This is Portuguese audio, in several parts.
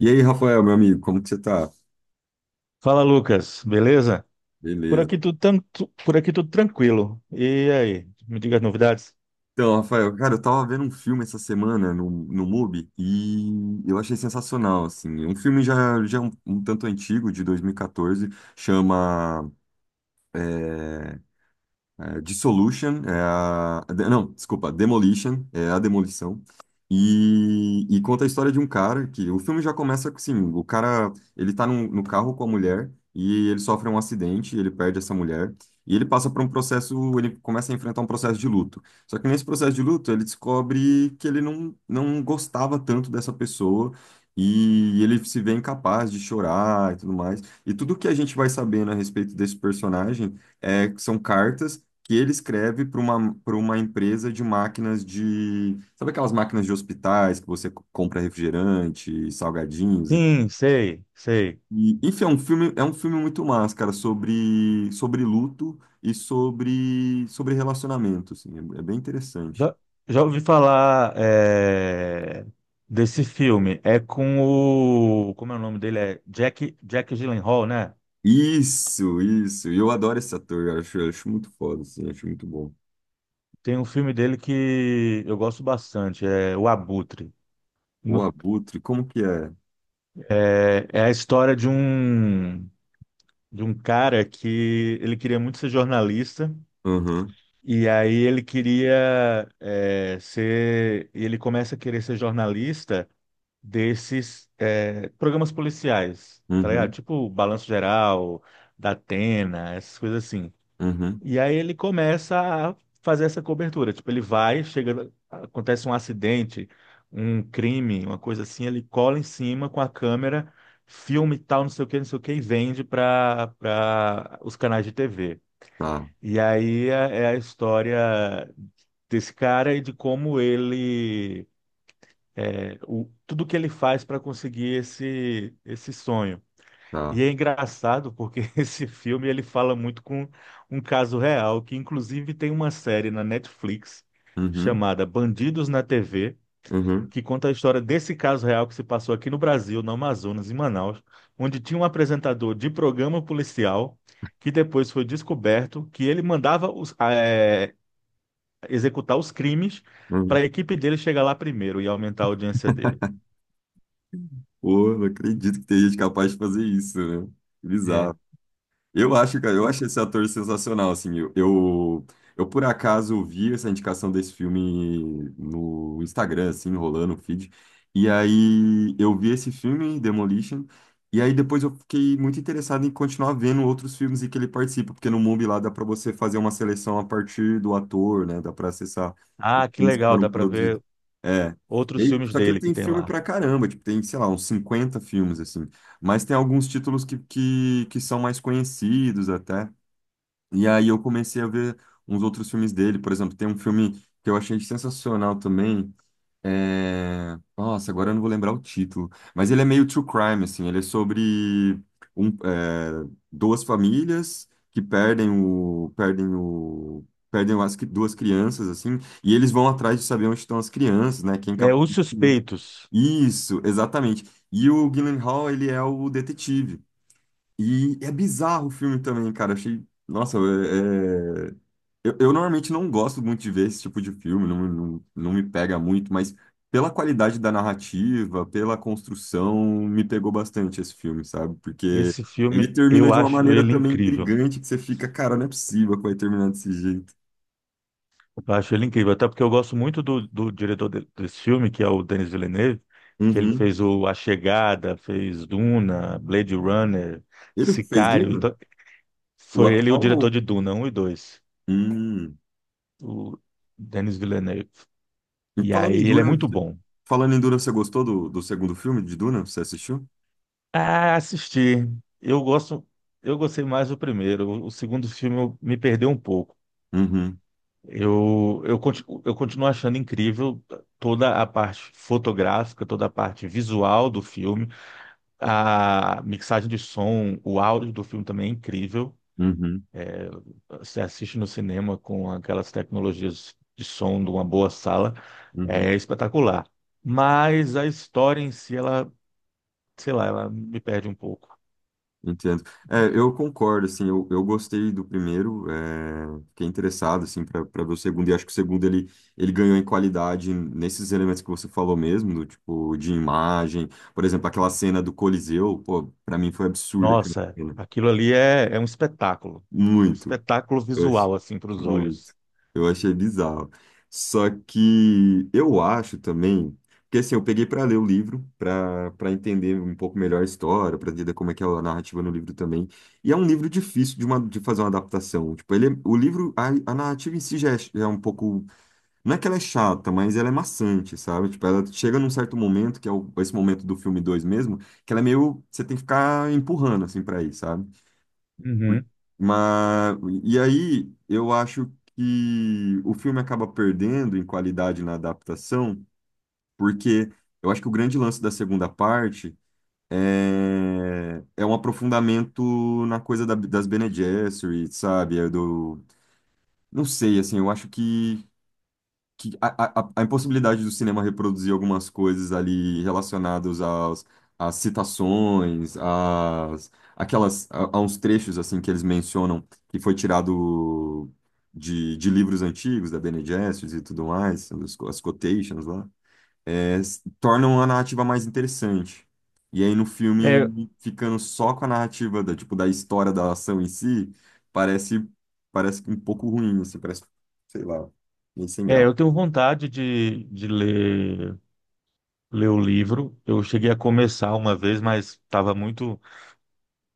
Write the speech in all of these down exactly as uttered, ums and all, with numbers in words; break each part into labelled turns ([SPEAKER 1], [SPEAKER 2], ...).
[SPEAKER 1] E aí, Rafael, meu amigo, como que você tá?
[SPEAKER 2] Fala, Lucas, beleza? Por
[SPEAKER 1] Beleza.
[SPEAKER 2] aqui tudo tanto, por aqui tudo tranquilo. E aí, me diga as novidades?
[SPEAKER 1] Então, Rafael, cara, eu tava vendo um filme essa semana no, no MUBI e eu achei sensacional, assim. É um filme já, já um, um tanto antigo, de dois mil e quatorze, chama eh, É, Dissolution, é a, de- não, desculpa, Demolition, é a demolição. E, e conta a história de um cara que o filme já começa assim, o cara, ele tá num- no carro com a mulher e ele sofre um acidente, ele perde essa mulher e ele passa por um processo, ele começa a enfrentar um processo de luto. Só que nesse processo de luto, ele descobre que ele não, não gostava tanto dessa pessoa e ele se vê incapaz de chorar e tudo mais. E tudo que a gente vai sabendo a respeito desse personagem é que são cartas que ele escreve para uma, para uma empresa de máquinas de. Sabe aquelas máquinas de hospitais que você co- compra refrigerante, salgadinhos? E,
[SPEAKER 2] Sim, sei, sei.
[SPEAKER 1] e, enfim, é um filme, é um filme muito massa, cara, sobre, sobre luto e sobre, sobre relacionamento, assim, é, é bem interessante.
[SPEAKER 2] Já, já ouvi falar é, desse filme. É com o, como é o nome dele? É Jack, Jack Gyllenhaal, né?
[SPEAKER 1] Isso, isso. E eu adoro esse ator, eu acho, eu acho muito foda, assim, acho muito bom.
[SPEAKER 2] Tem um filme dele que eu gosto bastante, é O Abutre.
[SPEAKER 1] O
[SPEAKER 2] No-
[SPEAKER 1] Abutre, como que é?
[SPEAKER 2] É, é a história de um de um cara que ele queria muito ser jornalista.
[SPEAKER 1] Uhum,
[SPEAKER 2] E aí ele queria eh, ser, e ele começa a querer ser jornalista desses eh, programas policiais, tá ligado?
[SPEAKER 1] uhum,
[SPEAKER 2] Tipo Balanço Geral, da Datena, essas coisas assim.
[SPEAKER 1] uhum,
[SPEAKER 2] E aí ele começa a fazer essa cobertura, tipo ele vai, chega, acontece um acidente, um crime, uma coisa assim, ele cola em cima com a câmera, filme e tal, não sei o que, não sei o que, e vende para para os canais de T V.
[SPEAKER 1] tá,
[SPEAKER 2] E aí é é a história desse cara e de como ele, é, o, tudo que ele faz para conseguir esse, esse sonho.
[SPEAKER 1] tá.
[SPEAKER 2] E é engraçado porque esse filme ele fala muito com um caso real, que inclusive tem uma série na Netflix
[SPEAKER 1] Uhum,
[SPEAKER 2] chamada Bandidos na T V,
[SPEAKER 1] uhum,
[SPEAKER 2] que conta a história desse caso real que se passou aqui no Brasil, no Amazonas, em Manaus, onde tinha um apresentador de programa policial que depois foi descoberto que ele mandava os- eh, executar os crimes
[SPEAKER 1] uhum.
[SPEAKER 2] para a equipe dele chegar lá primeiro e aumentar a audiência dele.
[SPEAKER 1] Pô, não acredito que tem gente capaz de fazer isso, né? Que
[SPEAKER 2] É.
[SPEAKER 1] bizarro. Eu acho, cara, eu
[SPEAKER 2] Hum.
[SPEAKER 1] acho esse ator sensacional, assim, eu, eu, eu, por acaso vi essa indicação desse filme no Instagram, assim, rolando o feed, e aí eu vi esse filme, Demolition, e aí depois eu fiquei muito interessado em continuar vendo outros filmes em que ele participa, porque no Mubi lá dá pra você fazer uma seleção a partir do ator, né, dá pra acessar os
[SPEAKER 2] Ah, que
[SPEAKER 1] filmes que
[SPEAKER 2] legal,
[SPEAKER 1] foram
[SPEAKER 2] dá para ver
[SPEAKER 1] produzidos. É, E
[SPEAKER 2] outros
[SPEAKER 1] aí-
[SPEAKER 2] filmes
[SPEAKER 1] só que ele
[SPEAKER 2] dele que
[SPEAKER 1] tem
[SPEAKER 2] tem
[SPEAKER 1] filme
[SPEAKER 2] lá.
[SPEAKER 1] pra caramba, tipo, tem, sei lá, uns cinquenta filmes, assim. Mas tem alguns títulos que, que, que são mais conhecidos até. E aí eu comecei a ver uns outros filmes dele. Por exemplo, tem um filme que eu achei sensacional também. É... Nossa, agora eu não vou lembrar o título. Mas ele é meio true crime, assim. Ele é sobre um, é, duas famílias que perdem o... Perdem o... Perdem as cri- duas crianças, assim, e eles vão atrás de saber onde estão as crianças, né? Quem
[SPEAKER 2] É
[SPEAKER 1] capturou
[SPEAKER 2] Os
[SPEAKER 1] as crianças.
[SPEAKER 2] Suspeitos.
[SPEAKER 1] Isso, exatamente. E o Gyllenhaal, ele é o detetive. E é bizarro o filme também, cara. Achei. Nossa, é... é- Eu, eu normalmente não gosto muito de ver esse tipo de filme, não, não, não me pega muito, mas pela qualidade da narrativa, pela construção, me pegou bastante esse filme, sabe? Porque
[SPEAKER 2] Esse
[SPEAKER 1] ele
[SPEAKER 2] filme
[SPEAKER 1] termina
[SPEAKER 2] eu
[SPEAKER 1] de uma
[SPEAKER 2] acho
[SPEAKER 1] maneira
[SPEAKER 2] ele
[SPEAKER 1] também
[SPEAKER 2] incrível.
[SPEAKER 1] intrigante que você fica, cara, não é possível que vai terminar desse jeito.
[SPEAKER 2] Eu acho ele incrível, até porque eu gosto muito do, do diretor de- desse filme, que é o Denis Villeneuve, que ele
[SPEAKER 1] Uhum.
[SPEAKER 2] fez o A Chegada, fez Duna, Blade Runner,
[SPEAKER 1] Ele fez
[SPEAKER 2] Sicário.
[SPEAKER 1] Duna?
[SPEAKER 2] Então,
[SPEAKER 1] O
[SPEAKER 2] foi ele o diretor
[SPEAKER 1] atual.
[SPEAKER 2] de Duna um e dois.
[SPEAKER 1] Hum.
[SPEAKER 2] O Denis Villeneuve.
[SPEAKER 1] E
[SPEAKER 2] E
[SPEAKER 1] falando em
[SPEAKER 2] aí ele é
[SPEAKER 1] Duna,
[SPEAKER 2] muito bom.
[SPEAKER 1] falando em Duna, você gostou do, do segundo filme de Duna? Você assistiu?
[SPEAKER 2] Ah, assisti. Eu gosto, eu gostei mais do primeiro. O, o segundo filme eu- me perdeu um pouco.
[SPEAKER 1] Uhum.
[SPEAKER 2] Eu, eu, continuo, eu continuo achando incrível toda a parte fotográfica, toda a parte visual do filme. A mixagem de som, o áudio do filme também é incrível.
[SPEAKER 1] Uhum,
[SPEAKER 2] Você assiste no cinema com aquelas tecnologias de som de uma boa sala,
[SPEAKER 1] uhum.
[SPEAKER 2] é espetacular. Mas a história em si, ela, sei lá, ela me perde um pouco.
[SPEAKER 1] Entendo. É, eu concordo, assim, eu, eu gostei do primeiro, é, fiquei interessado, assim, para para ver o segundo, e acho que o segundo ele, ele ganhou em qualidade nesses elementos que você falou mesmo, do tipo, de imagem, por exemplo, aquela cena do Coliseu, pô, pra mim foi absurda aquela
[SPEAKER 2] Nossa,
[SPEAKER 1] cena,
[SPEAKER 2] aquilo ali é, é um espetáculo. É um
[SPEAKER 1] muito.
[SPEAKER 2] espetáculo
[SPEAKER 1] Eu ach-
[SPEAKER 2] visual, assim, para os olhos.
[SPEAKER 1] Muito. Eu achei bizarro. Só que eu acho também, porque assim, eu peguei para ler o livro, para para entender um pouco melhor a história, para entender como é que é a narrativa no livro também. E é um livro difícil de, uma, de fazer uma adaptação. Tipo, ele, é- o livro, a, a narrativa em si já é, ch- já é um pouco, não é que ela é chata, mas ela é maçante, sabe? Tipo, ela chega num certo momento, que é o- esse momento do filme dois mesmo, que ela é meio, você tem que ficar empurrando assim para ir, sabe?
[SPEAKER 2] Uhum.
[SPEAKER 1] Mas, e aí, eu acho que o filme acaba perdendo em qualidade na adaptação, porque eu acho que o grande lance da segunda parte é, é um aprofundamento na coisa da- das Bene Gesserit, sabe? É do, não sei, assim, eu acho que que a, a, a impossibilidade do cinema reproduzir algumas coisas ali relacionadas aos, às citações, às, aquelas, a, a uns trechos assim que eles mencionam que foi tirado de, de livros antigos, da Bene Gesserit e tudo mais, as, co- as quotations lá, é, s- tornam a narrativa mais interessante. E aí no
[SPEAKER 2] É,
[SPEAKER 1] filme, ficando só com a narrativa da, tipo, da história da ação em si, parece, parece um pouco ruim, assim, parece, sei lá, meio sem
[SPEAKER 2] é,
[SPEAKER 1] graça.
[SPEAKER 2] eu tenho vontade de, de ler, ler o livro. Eu cheguei a começar uma vez, mas estava muito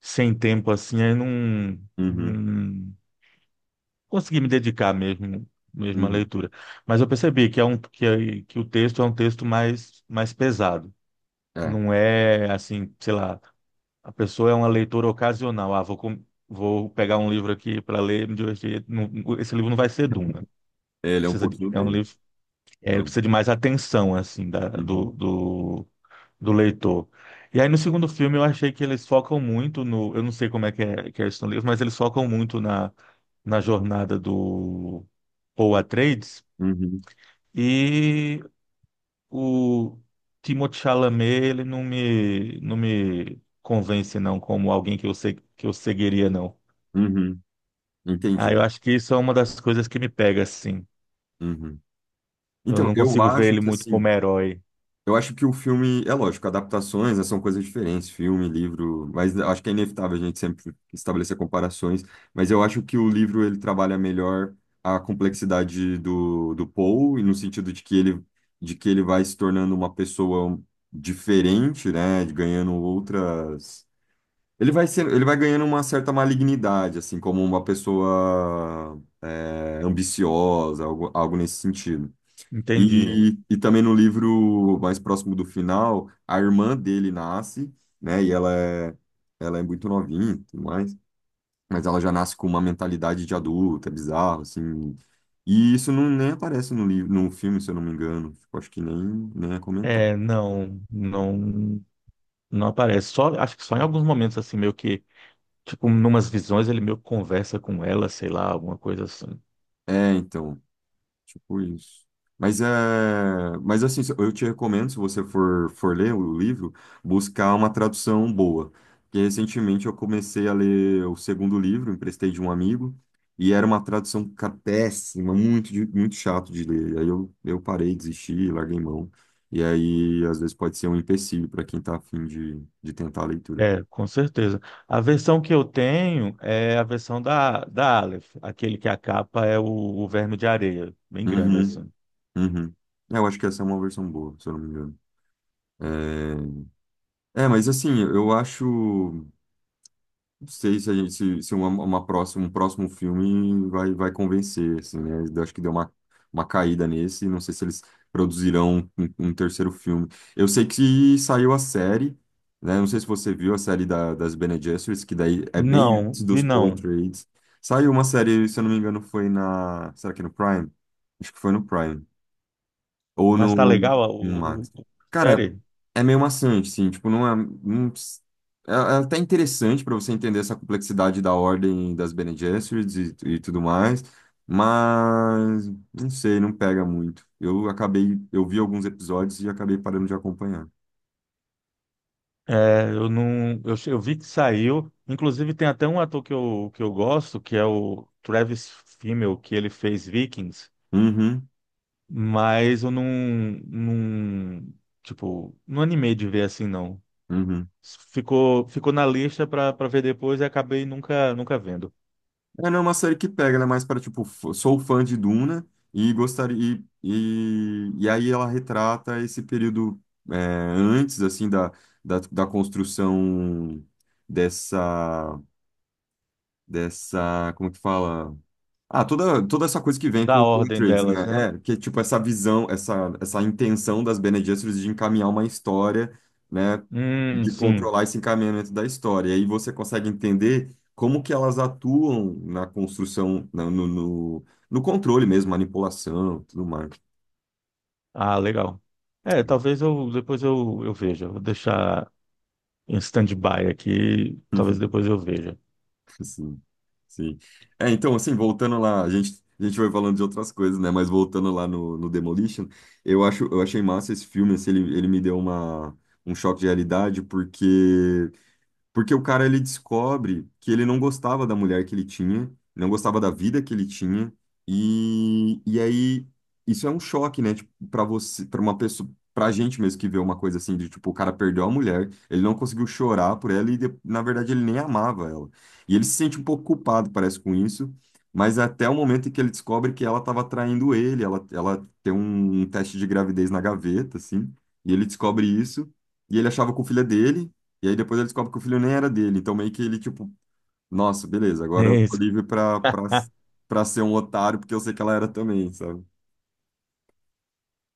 [SPEAKER 2] sem tempo assim, aí não,
[SPEAKER 1] Uhum,
[SPEAKER 2] não consegui me dedicar mesmo, mesmo à
[SPEAKER 1] uhum.
[SPEAKER 2] leitura. Mas eu percebi que é um que, é- que o texto é um texto mais mais pesado.
[SPEAKER 1] É,
[SPEAKER 2] Não é assim, sei lá, a pessoa é uma leitora ocasional. Ah, vou com- vou pegar um livro aqui para ler, me divertir. Não, esse livro não vai ser Duna.
[SPEAKER 1] ele é um
[SPEAKER 2] Precisa de,
[SPEAKER 1] pouquinho
[SPEAKER 2] é um
[SPEAKER 1] dele,
[SPEAKER 2] livro, é, ele
[SPEAKER 1] né?
[SPEAKER 2] precisa de mais atenção assim da, do,
[SPEAKER 1] Uhum,
[SPEAKER 2] do do leitor. E aí no segundo filme eu achei que eles focam muito no, eu não sei como é que é, que é isso no livro, mas eles focam muito na, na jornada do Paul Atreides
[SPEAKER 1] uhum,
[SPEAKER 2] e o Timothée Chalamet, ele não me não me convence não como alguém que eu sei que eu seguiria não.
[SPEAKER 1] uhum.
[SPEAKER 2] Ah, eu
[SPEAKER 1] Entendi.
[SPEAKER 2] acho que isso é uma das coisas que me pega assim.
[SPEAKER 1] Uhum.
[SPEAKER 2] Eu
[SPEAKER 1] Então,
[SPEAKER 2] não
[SPEAKER 1] eu
[SPEAKER 2] consigo ver
[SPEAKER 1] acho
[SPEAKER 2] ele
[SPEAKER 1] que
[SPEAKER 2] muito
[SPEAKER 1] assim,
[SPEAKER 2] como herói.
[SPEAKER 1] eu acho que o filme, é lógico, adaptações, né, são coisas diferentes, filme, livro, mas acho que é inevitável a gente sempre estabelecer comparações, mas eu acho que o livro ele trabalha melhor a complexidade do, do Paul, e no sentido de que ele de que ele vai se tornando uma pessoa diferente, né, ganhando outras. Ele vai sendo, ele vai ganhando uma certa malignidade, assim, como uma pessoa é, ambiciosa, algo, algo nesse sentido.
[SPEAKER 2] Entendi.
[SPEAKER 1] E, e também no livro mais próximo do final, a irmã dele nasce, né? E ela é, ela é muito novinha e tudo mais, mas ela já nasce com uma mentalidade de adulta, é bizarro, assim. E isso não, nem aparece no livro, no filme, se eu não me engano. Tipo, acho que nem, nem é comentado.
[SPEAKER 2] É, não, não, não aparece. Só, acho que só em alguns momentos assim meio que, tipo, numas visões ele meio que conversa com ela, sei lá, alguma coisa assim.
[SPEAKER 1] É, então. Tipo isso. Mas é, mas assim, eu te recomendo, se você for, for ler o livro, buscar uma tradução boa. Porque recentemente eu comecei a ler o segundo livro, emprestei de um amigo, e era uma tradução ca- péssima, muito, de- muito chato de ler. Aí eu, eu parei, desisti, larguei mão. E aí, às vezes, pode ser um empecilho para quem está afim de, de tentar a leitura.
[SPEAKER 2] É, com certeza. A versão que eu tenho é a versão da, da Aleph, aquele que a capa é o, o verme de areia, bem grande
[SPEAKER 1] Uhum,
[SPEAKER 2] assim.
[SPEAKER 1] uhum. É, eu acho que essa é uma versão boa, se eu não me engano. É, é, mas assim, eu acho. Sei se, a gente, se, se uma, uma próxima, um próximo filme vai, vai convencer, assim, né? Eu acho que deu uma, uma caída nesse, não sei se eles produzirão um, um terceiro filme. Eu sei que saiu a série, né? Não sei se você viu a série da, das Bene Gesserit, que daí é bem
[SPEAKER 2] Não,
[SPEAKER 1] antes dos
[SPEAKER 2] vi
[SPEAKER 1] Paw
[SPEAKER 2] não.
[SPEAKER 1] Trades. Saiu uma série, se eu não me engano, foi na... Será que é no Prime? Acho que foi no Prime. Ou
[SPEAKER 2] Mas
[SPEAKER 1] no,
[SPEAKER 2] tá legal a
[SPEAKER 1] no
[SPEAKER 2] o, o-
[SPEAKER 1] Max.
[SPEAKER 2] a
[SPEAKER 1] Cara,
[SPEAKER 2] série?
[SPEAKER 1] é meio maçante, sim. Tipo, não é. não é, é até interessante para você entender essa complexidade da ordem das Bene Gesserits e, e tudo mais. Mas não sei, não pega muito. Eu acabei, eu vi alguns episódios e acabei parando de acompanhar.
[SPEAKER 2] É, eu não, eu, che- eu vi que saiu. Inclusive tem até um ator que eu, que eu gosto, que é o Travis Fimmel, que ele fez Vikings.
[SPEAKER 1] Uhum,
[SPEAKER 2] Mas eu não, não, tipo, não animei de ver assim, não.
[SPEAKER 1] uhum.
[SPEAKER 2] Ficou, ficou na lista pra para ver depois e acabei nunca, nunca vendo.
[SPEAKER 1] É, não é uma série que pega, ela é mais para, tipo, f- sou fã de Duna e gostaria. E, e, e aí ela retrata esse período é, antes, assim, da, da, da construção dessa. Dessa. Como que fala? Ah, toda, toda essa coisa que vem
[SPEAKER 2] Da
[SPEAKER 1] com com o
[SPEAKER 2] ordem
[SPEAKER 1] Trades,
[SPEAKER 2] delas,
[SPEAKER 1] né?
[SPEAKER 2] né?
[SPEAKER 1] É, que tipo essa visão, essa, essa intenção das Bene Gesserit de encaminhar uma história, né?
[SPEAKER 2] Hum,
[SPEAKER 1] De
[SPEAKER 2] sim.
[SPEAKER 1] controlar esse encaminhamento da história. E aí você consegue entender como que elas atuam na construção, na- no, no, no controle mesmo, manipulação, tudo mais.
[SPEAKER 2] Ah, legal. É, talvez eu depois eu, eu veja. Vou deixar em stand-by aqui, talvez depois eu veja.
[SPEAKER 1] Sim, sim. É, então, assim, voltando lá, a gente, a gente vai falando de outras coisas, né? Mas voltando lá no, no Demolition, eu acho, eu achei massa esse filme, assim, ele, ele me deu uma, um choque de realidade, porque porque o cara ele descobre que ele não gostava da mulher que ele tinha, não gostava da vida que ele tinha, e, e aí isso é um choque, né? Tipo, para você, para uma pessoa, pra gente mesmo que vê uma coisa assim de tipo, o cara perdeu a mulher, ele não conseguiu chorar por ela e de- na verdade ele nem amava ela. E ele se sente um pouco culpado, parece, com isso, mas é até o momento em que ele descobre que ela estava traindo ele, ela, ela tem um, um teste de gravidez na gaveta, assim, e ele descobre isso, e ele achava com o filho dele. E aí depois ele descobre que o filho nem era dele. Então meio que ele, tipo, nossa, beleza, agora
[SPEAKER 2] É
[SPEAKER 1] eu tô
[SPEAKER 2] isso.
[SPEAKER 1] livre pra, pra, pra ser um otário, porque eu sei que ela era também, sabe?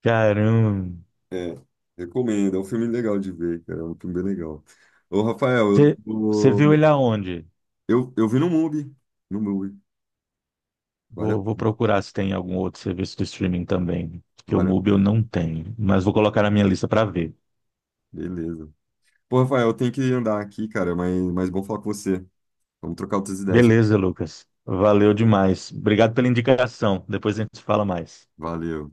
[SPEAKER 2] Caramba.
[SPEAKER 1] É, recomendo. É um filme legal de ver, cara. É um filme bem legal. Ô, Rafael, eu,
[SPEAKER 2] Você Você viu
[SPEAKER 1] tô-
[SPEAKER 2] ele aonde?
[SPEAKER 1] eu, eu vi no MUBI. No MUBI. Vale a
[SPEAKER 2] Vou, vou
[SPEAKER 1] pena,
[SPEAKER 2] procurar se tem algum outro serviço de streaming também, porque o
[SPEAKER 1] vale a
[SPEAKER 2] Mubi eu
[SPEAKER 1] pena.
[SPEAKER 2] não tenho, mas vou colocar na minha lista para ver.
[SPEAKER 1] Beleza. Pô, Rafael, eu tenho que andar aqui, cara, mas, mas bom falar com você. Vamos trocar outras ideias.
[SPEAKER 2] Beleza, Lucas. Valeu demais. Obrigado pela indicação. Depois a gente fala mais.
[SPEAKER 1] Valeu.